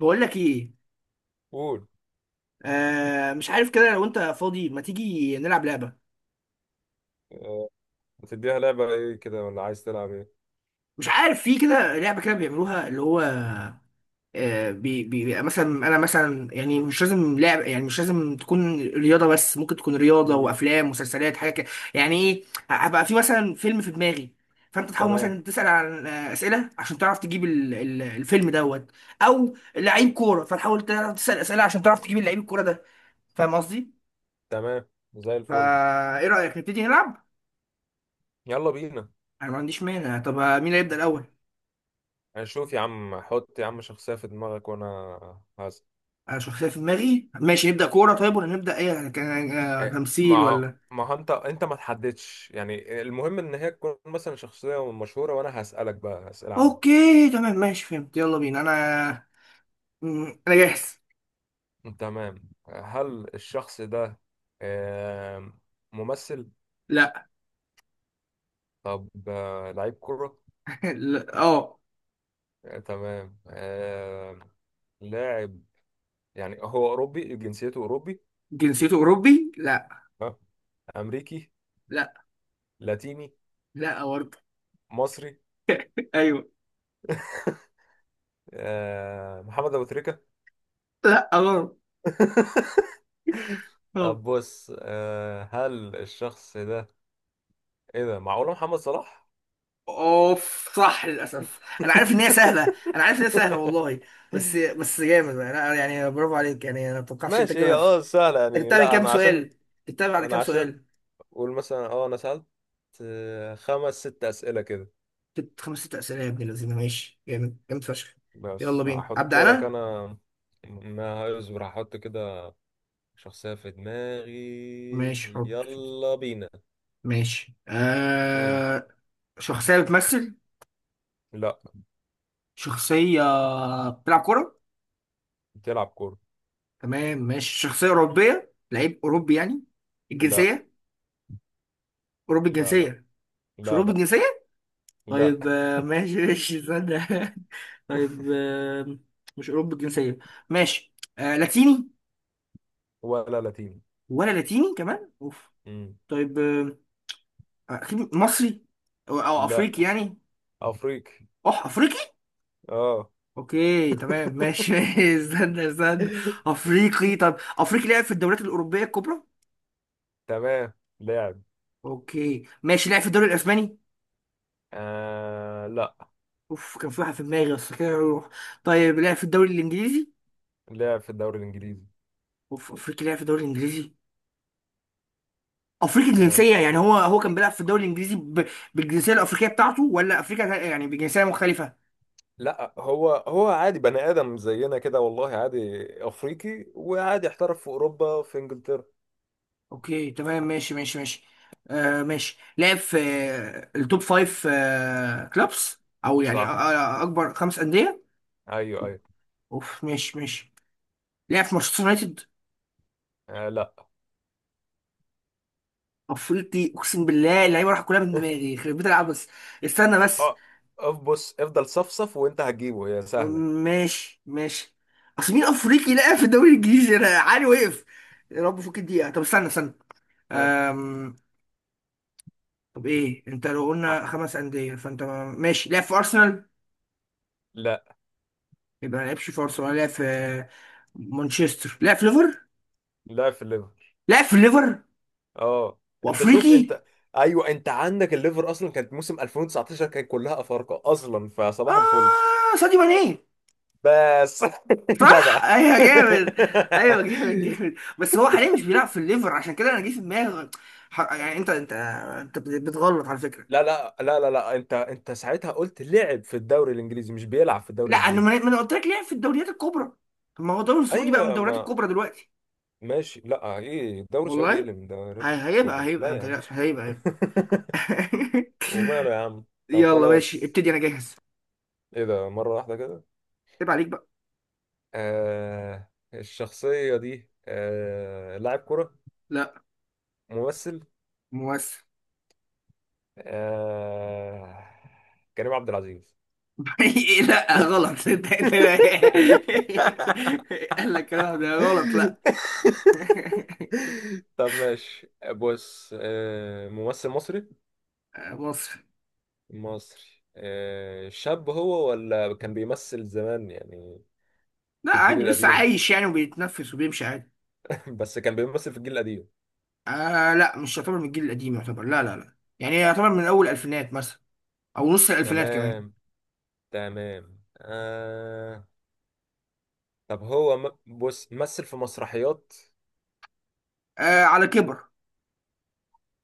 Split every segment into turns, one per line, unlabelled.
بقول لك ايه.
قول.
آه مش عارف كده، لو انت فاضي ما تيجي نلعب لعبه.
آه، هتديها لعبة ايه كده ولا عايز تلعب ايه؟
مش عارف في كده لعبه كده بيعملوها، اللي هو مثلا انا، مثلا يعني مش لازم لعب، يعني مش لازم تكون رياضه، بس ممكن تكون رياضه
مم.
وافلام مسلسلات حاجه كده. يعني ايه، هبقى في مثلا فيلم في دماغي، فانت تحاول
تمام.
مثلا تسال عن اسئله عشان تعرف تجيب الفيلم دوت، او لعيب كوره، فتحاول تعرف تسال اسئله عشان تعرف تجيب اللعيب الكوره ده. فاهم قصدي؟
تمام، زي الفل.
فايه رايك نبتدي نلعب.
يلا بينا.
انا ما عنديش مانع، طب مين هيبدا الاول؟
هنشوف يا عم، حط يا عم شخصية في دماغك وانا هز.
انا شخصيه في دماغي، ماشي نبدا كوره طيب، ولا نبدا ايه، يعني كان
إيه،
تمثيل
ما
ولا.
ما هو انت ما تحددش، يعني المهم ان هي تكون مثلا شخصية مشهورة وانا هسألك بقى أسئلة عامة.
اوكي تمام ماشي فهمت، يلا بينا انا. انا جاهز.
تمام. هل الشخص ده آم، ممثل؟
لا.
طب لعيب كرة؟
لا اه.
تمام. لاعب. يعني هو أوروبي، جنسيته أوروبي؟
جنسيته اوروبي؟ لا
ها، امريكي؟
لا.
لاتيني؟
لا برضه.
مصري؟
ايوه.
محمد ابو تريكه؟
لا غلط. غلط.
طب بص، هل الشخص ده، ايه ده، معقوله محمد صلاح؟
اوف صح، للاسف انا عارف ان هي سهله، انا عارف ان هي سهله والله، بس بس جامد، انا يعني برافو عليك، يعني انا ما توقعتش انت
ماشي،
تجيبها.
هي
انت
سهله يعني.
جبتها من
لا،
كام
انا عشان
سؤال، جبتها بعد كام
انا عشان
سؤال؟
قول مثلا، انا سالت خمس ست اسئله كده.
ست، خمس ست أسئلة يا ابن الذين، ماشي جامد جامد فشخ. يلا
بس
بينا
هحط
أبدأ
لك
أنا.
انا، ما اصبر، هحط كده شخصيه في دماغي.
ماشي حط.
يلا بينا.
ماشي
مم.
آه. شخصية بتمثل؟
لا.
شخصية بتلعب كورة.
بتلعب كورة.
تمام ماشي، شخصية أوروبية، لعيب أوروبي يعني،
لا،
الجنسية، أوروبي
لا، لا،
الجنسية، مش
لا،
أوروبي
لا،
الجنسية؟ طيب
لا،
آه ماشي ماشي استنى طيب آه، مش أوروبي الجنسية، ماشي. آه لاتيني،
ولا لاتيني.
ولا لاتيني كمان، أوف.
مم.
طيب آه، أكيد مصري، أو أفريقي
لا.
يعني.
أفريقي.
أح أفريقي؟
اه.
أوكي تمام ماشي استنى استنى. أفريقي، طب أفريقي لعب في الدوريات الأوروبية الكبرى؟
تمام. لاعب.
أوكي ماشي، لعب في الدوري الأسباني؟
آه، لا.
أوف كان في واحد في دماغي بس كده يروح. طيب لعب في الدوري الإنجليزي؟
لاعب في الدوري الإنجليزي.
أوف، أفريقي لعب في الدوري الإنجليزي؟ أفريقي
آه،
الجنسية، يعني هو كان بيلعب في الدوري الإنجليزي ب... بالجنسية الأفريقية بتاعته، ولا أفريقيا يعني بجنسية مختلفة؟
لا. هو هو عادي بني آدم زينا كده، والله عادي. أفريقي وعادي احترف في أوروبا في إنجلترا.
أوكي تمام ماشي ماشي ماشي. آه ماشي، لعب في التوب فايف كلوبس، أو يعني
صح.
أكبر خمس أندية؟
أيوه، أيوه.
اوف ماشي ماشي. لعب في مانشستر يونايتد؟
آه، لا.
افريقي، اقسم بالله اللعيبه راح كلها من دماغي، خربت بيت العب بس. استنى بس.
اه، بص، افضل صفصف وأنت هتجيبه، هي سهلة.
ماشي ماشي. اصل مين افريقي لعب في الدوري الانجليزي، انا عالي وقف. يا رب فوق الدقيقه، طب استنى استنى.
ها.
أم... طب ايه، انت لو
آه.
قلنا خمس انديه فانت. ماشي لعب في ارسنال،
لا،
يبقى ما لعبش في ارسنال. لعب في مانشستر، لعب في ليفر،
لاعب في الليفر.
لعب في ليفر
اه، انت، شوف
وافريقي.
انت. ايوه، انت عندك الليفر اصلا كانت موسم 2019 كان كلها افارقه اصلا، فصباح الفل
اه ساديو ماني.
بس. جدع.
صح ايوه جامد. ايوه جامد جامد، بس هو حاليا مش بيلعب في الليفر، عشان كده انا جه في دماغي. يعني انت انت بتغلط على فكره.
لا، لا، لا، لا، لا، انت ساعتها قلت لعب في الدوري الانجليزي، مش بيلعب في الدوري
لا انا
الانجليزي.
ما ما انا قلت لك لعب في الدوريات الكبرى. طب ما هو الدوري السعودي بقى من
ايوه،
الدوريات
ما
الكبرى دلوقتي.
ماشي. لا، ايه الدوري السعودي، ايه
والله.
اللي من دوريات
هيبقى
الكبرى؟
هيبقى
لا
ما
يا عم.
تقلقش، هيبقى.
وماله يا عم. طب
يلا ماشي
خلاص.
ابتدي انا جاهز.
ايه ده مره واحده كده.
عيب عليك بقى.
الشخصيه دي لاعب كره؟
لا.
ممثل.
ممثل.
آه... كريم عبد العزيز؟
إيه، لا غلط. انت قال لك الكلام ده غلط، لا.
طب ماشي بص، ممثل مصري؟
مصري.
مصري. شاب هو ولا كان بيمثل زمان يعني؟
لا
في الجيل
عادي لسه
القديم؟
عايش يعني، وبيتنفس وبيمشي عادي.
بس كان بيمثل في الجيل القديم.
آه لا، مش يعتبر من الجيل القديم يعتبر، لا لا لا، يعني يعتبر من اول الالفينات مثلا، او نص الالفينات كمان.
تمام، تمام. طب هو بص، مثل في مسرحيات؟
آه على كبر.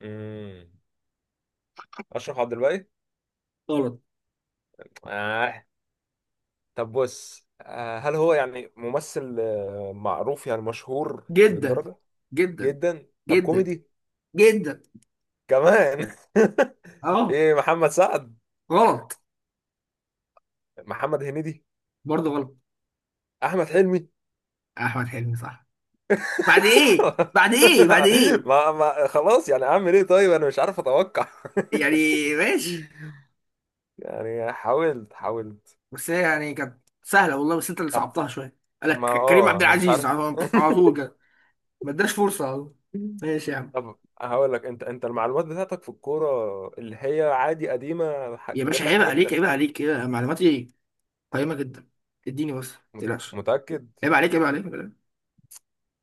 مم. أشرف عبد الباقي؟
غلط.
آه. طب بص، هل هو يعني ممثل معروف؟ يعني مشهور
جدا
للدرجة؟
جدا.
جدا. طب
جدا
كوميدي
جدا.
كمان؟
اه.
ايه، محمد سعد؟
غلط.
محمد هنيدي؟
برضه غلط.
احمد حلمي؟
احمد حلمي صح. بعد ايه، بعد ايه، بعد ايه
ما خلاص، يعني اعمل ايه؟ طيب انا مش عارف اتوقع.
يعني. ماشي.
يعني حاولت حاولت.
بس هي يعني كانت سهله والله، بس انت اللي
طب
صعبتها شويه.
ما،
قالك كريم عبد
انا مش
العزيز
عارف.
على على طول كده، ما اداش فرصه. ماشي يا عم،
طب هقول لك، انت المعلومات بتاعتك في الكورة اللي هي عادي قديمة،
يا
اجيب
باشا
لك
عيب
حاجات
عليك
من.
عيب عليك، يا معلوماتي قيمة جدا، اديني بس ما تقلقش.
متأكد؟
عيب عليك عيب عليك عيب عليك.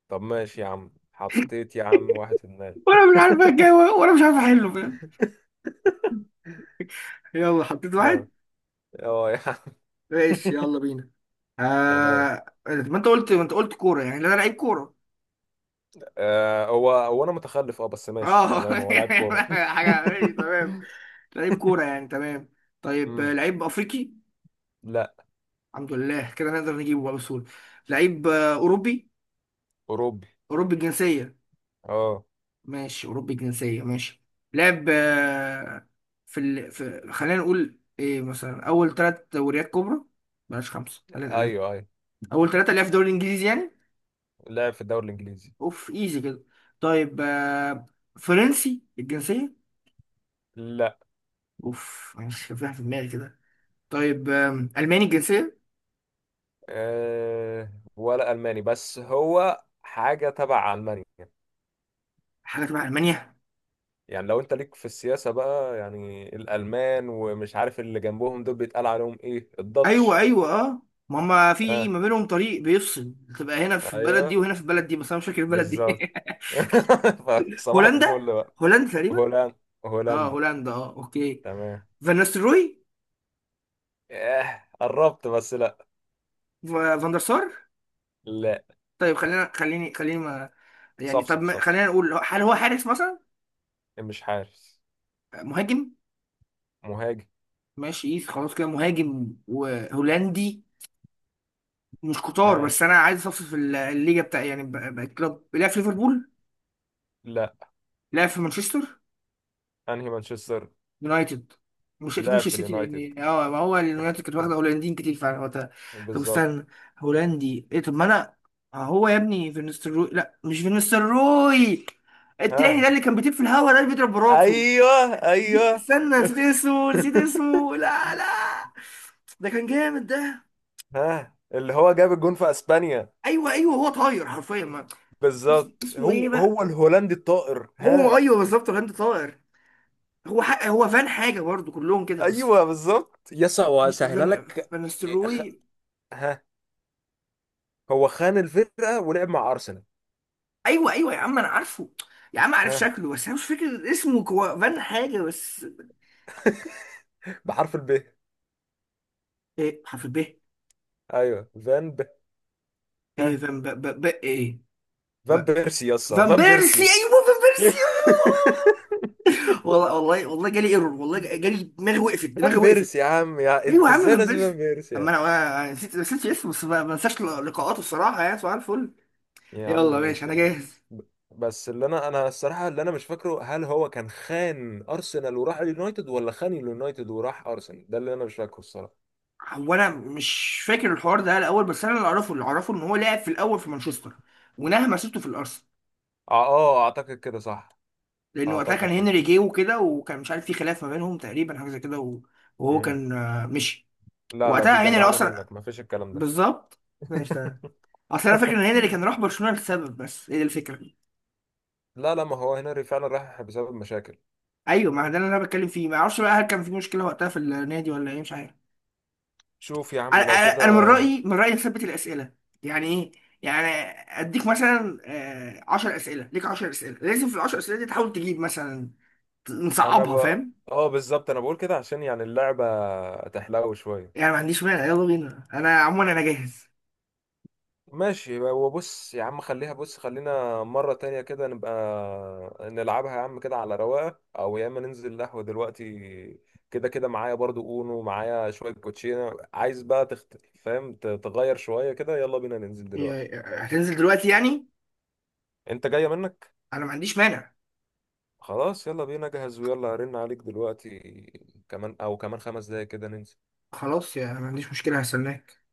طب ماشي يا عم، حطيت يا عم واحد في دماغي.
وانا مش عارف اتجاوب، وانا مش عارف احله، فاهم. يلا حطيت
اه،
واحد.
اه يا عم.
ماشي يلا بينا.
تمام.
ما انت قلت كورة، يعني انا لعيب كورة.
هو هو انا متخلف، بس ماشي،
اه
تمام، هو لاعب كورة.
حاجة ماشي تمام. لعيب كورة يعني، تمام. طيب
امم
لعيب افريقي؟
لا.
الحمد لله كده نقدر نجيبه بقى بسهولة. لعيب اوروبي،
اوروبي.
اوروبي الجنسية.
اه،
ماشي أوروبي الجنسية، ماشي. لعب في ال... في، خلينا نقول إيه مثلا، أول ثلاث دوريات كبرى، بلاش خمسة خلينا نقلل،
ايوه، ايوه،
أول ثلاثة اللي هي في الدوري الإنجليزي يعني.
لعب في الدوري الانجليزي.
أوف إيزي كده. طيب فرنسي الجنسية؟
لا.
أوف، مش كان في واحد في دماغي كده. طيب ألماني الجنسية؟
ولا الماني بس هو حاجه تبع المانيا.
حاجة تبع ألمانيا؟
يعني لو انت ليك في السياسه بقى يعني، الالمان ومش عارف اللي جنبهم دول بيتقال عليهم ايه،
أيوه
الداتش.
أيوه أه. ما هما في
ها،
ما بينهم طريق بيفصل، تبقى هنا في
اه،
البلد دي
ايوه،
وهنا في البلد دي، بس أنا مش فاكر البلد دي
بالظبط. صباح
هولندا،
الفل بقى.
هولندا تقريبا.
هولاند.
اه
هولندي.
هولندا اه اوكي.
تمام.
فان نيستلروي؟
اه، قربت بس لا.
فان دير سار؟
لا.
طيب خلينا، خليني خليني ما، يعني طب
صفصف، صفصف.
خلينا نقول، هل هو حارس مثلا؟
مش حارس.
مهاجم.
مهاجم.
ماشي إيه، خلاص كده مهاجم وهولندي، مش كتار.
ها،
بس انا عايز اصفصف في الليجا بتاع، يعني بقى كلوب. لعب في ليفربول؟
لا.
لعب في مانشستر
انهي مانشستر؟
يونايتد؟ مش اكيد
لاعب
مش
في
السيتي،
اليونايتد،
لان اه ما هو اليونايتد كانت واخده هولنديين كتير فعلا وقتها. طب
بالظبط.
استنى، هولندي ايه، طب ما انا. هو يا ابني فينستروي، لا مش فينستروي، التاني ده
ها.
اللي كان بيطير في الهوا، ده اللي بيضرب براته.
ايوه، ايوه.
استنى، نسيت اسمه، نسيت اسمه، لا لا. ده كان جامد ده.
ها، اللي هو جاب الجون في اسبانيا،
ايوه ايوه، هو طاير حرفيا ما.
بالظبط.
اسمه ايه
هو
بقى.
هو الهولندي الطائر.
هو
ها.
ايوه بالظبط الهند طاير، هو حق، هو فان حاجه برضو كلهم كده بس.
ايوه، بالظبط، يسا،
مش
وهسهلها
فان،
لك. إيه، أخ-
فانستروي.
ها. هو خان الفرقة ولعب مع أرسنال.
ايوه ايوه يا عم انا عارفه، يا عم عارف
ها،
شكله، بس انا مش فاكر اسمه، كو... فان حاجه بس.
بحرف الب.
ايه حرف ب؟
أيوه، فان ب.
ايه
ها،
فان ب... ب... ب... ايه. ب...
فان بيرسي، يسا،
فان
فان
بيرسي،
بيرسي.
ايوه فان بيرسي. والله والله والله جالي ايرور، والله جالي، دماغي وقفت، دماغي
فان بيرسي يا
وقفت.
عم، يا
ايوه
أنت
يا عم
إزاي
فان
ناسي فان
بيرسي.
بيرسي
طب
يا عم.
ما انا، أنا نسيت، نسيت اسمه، بس ما ما انساش لقاءاته الصراحه، يعني سؤال الفل.
يا عم
يلا ماشي
ماشي
انا
يعني.
جاهز.
ب- بس اللي أنا الصراحة اللي أنا مش فاكره، هل هو كان خان أرسنال وراح اليونايتد ولا خان اليونايتد وراح أرسنال، ده اللي أنا مش فاكره الصراحة.
هو انا مش فاكر الحوار ده الاول، بس انا اللي اعرفه، اللي اعرفه ان هو لعب في الاول في مانشستر، ونهى مسيرته في الارسنال،
آه، آه، أعتقد كده صح.
لان وقتها كان
أعتقد كده.
هنري جه وكده، وكان مش عارف في خلاف ما بينهم تقريبا، حاجه زي كده وهو
مم.
كان مشي،
لا، لا، دي
وقتها هنري
جدعانة
اصلا.
منك، مفيش الكلام ده.
بالظبط. ماشي تمام. اصل انا فاكر ان هنري كان راح برشلونه لسبب، بس هي دي الفكره.
لا، لا، ما هو هنري فعلا راح بسبب مشاكل.
ايوه ما ده اللي انا بتكلم فيه، ما اعرفش بقى هل كان في مشكله وقتها في النادي ولا ايه، مش عارف.
شوف يا
انا
عم لو كده.
أنا من رايي، من رايي نثبت الاسئله. يعني ايه يعني، اديك مثلا 10 اسئله ليك، 10 اسئله، لازم في ال 10 اسئله دي تحاول تجيب مثلا،
انا
نصعبها، فاهم.
اه بالظبط، انا بقول كده عشان يعني اللعبة تحلو شوية.
يعني ما عنديش مانع يلا بينا، انا عموما انا جاهز.
ماشي، وبص يا عم، خليها، بص، خلينا مرة تانية كده نبقى نلعبها يا عم كده على رواقة، او يا اما ننزل قهوة دلوقتي، كده كده معايا برضو، اونو معايا شوية كوتشينة، عايز بقى فاهم، تغير شوية كده، يلا بينا ننزل دلوقتي.
يا-، هتنزل دلوقتي يعني؟
انت جاية منك؟
انا ما عنديش مانع.
خلاص، يلا بينا، جهز، ويلا هرن عليك دلوقتي كمان، او كمان 5 دقايق كده ننزل.
خلاص يا، ما عنديش مشكله هستناك.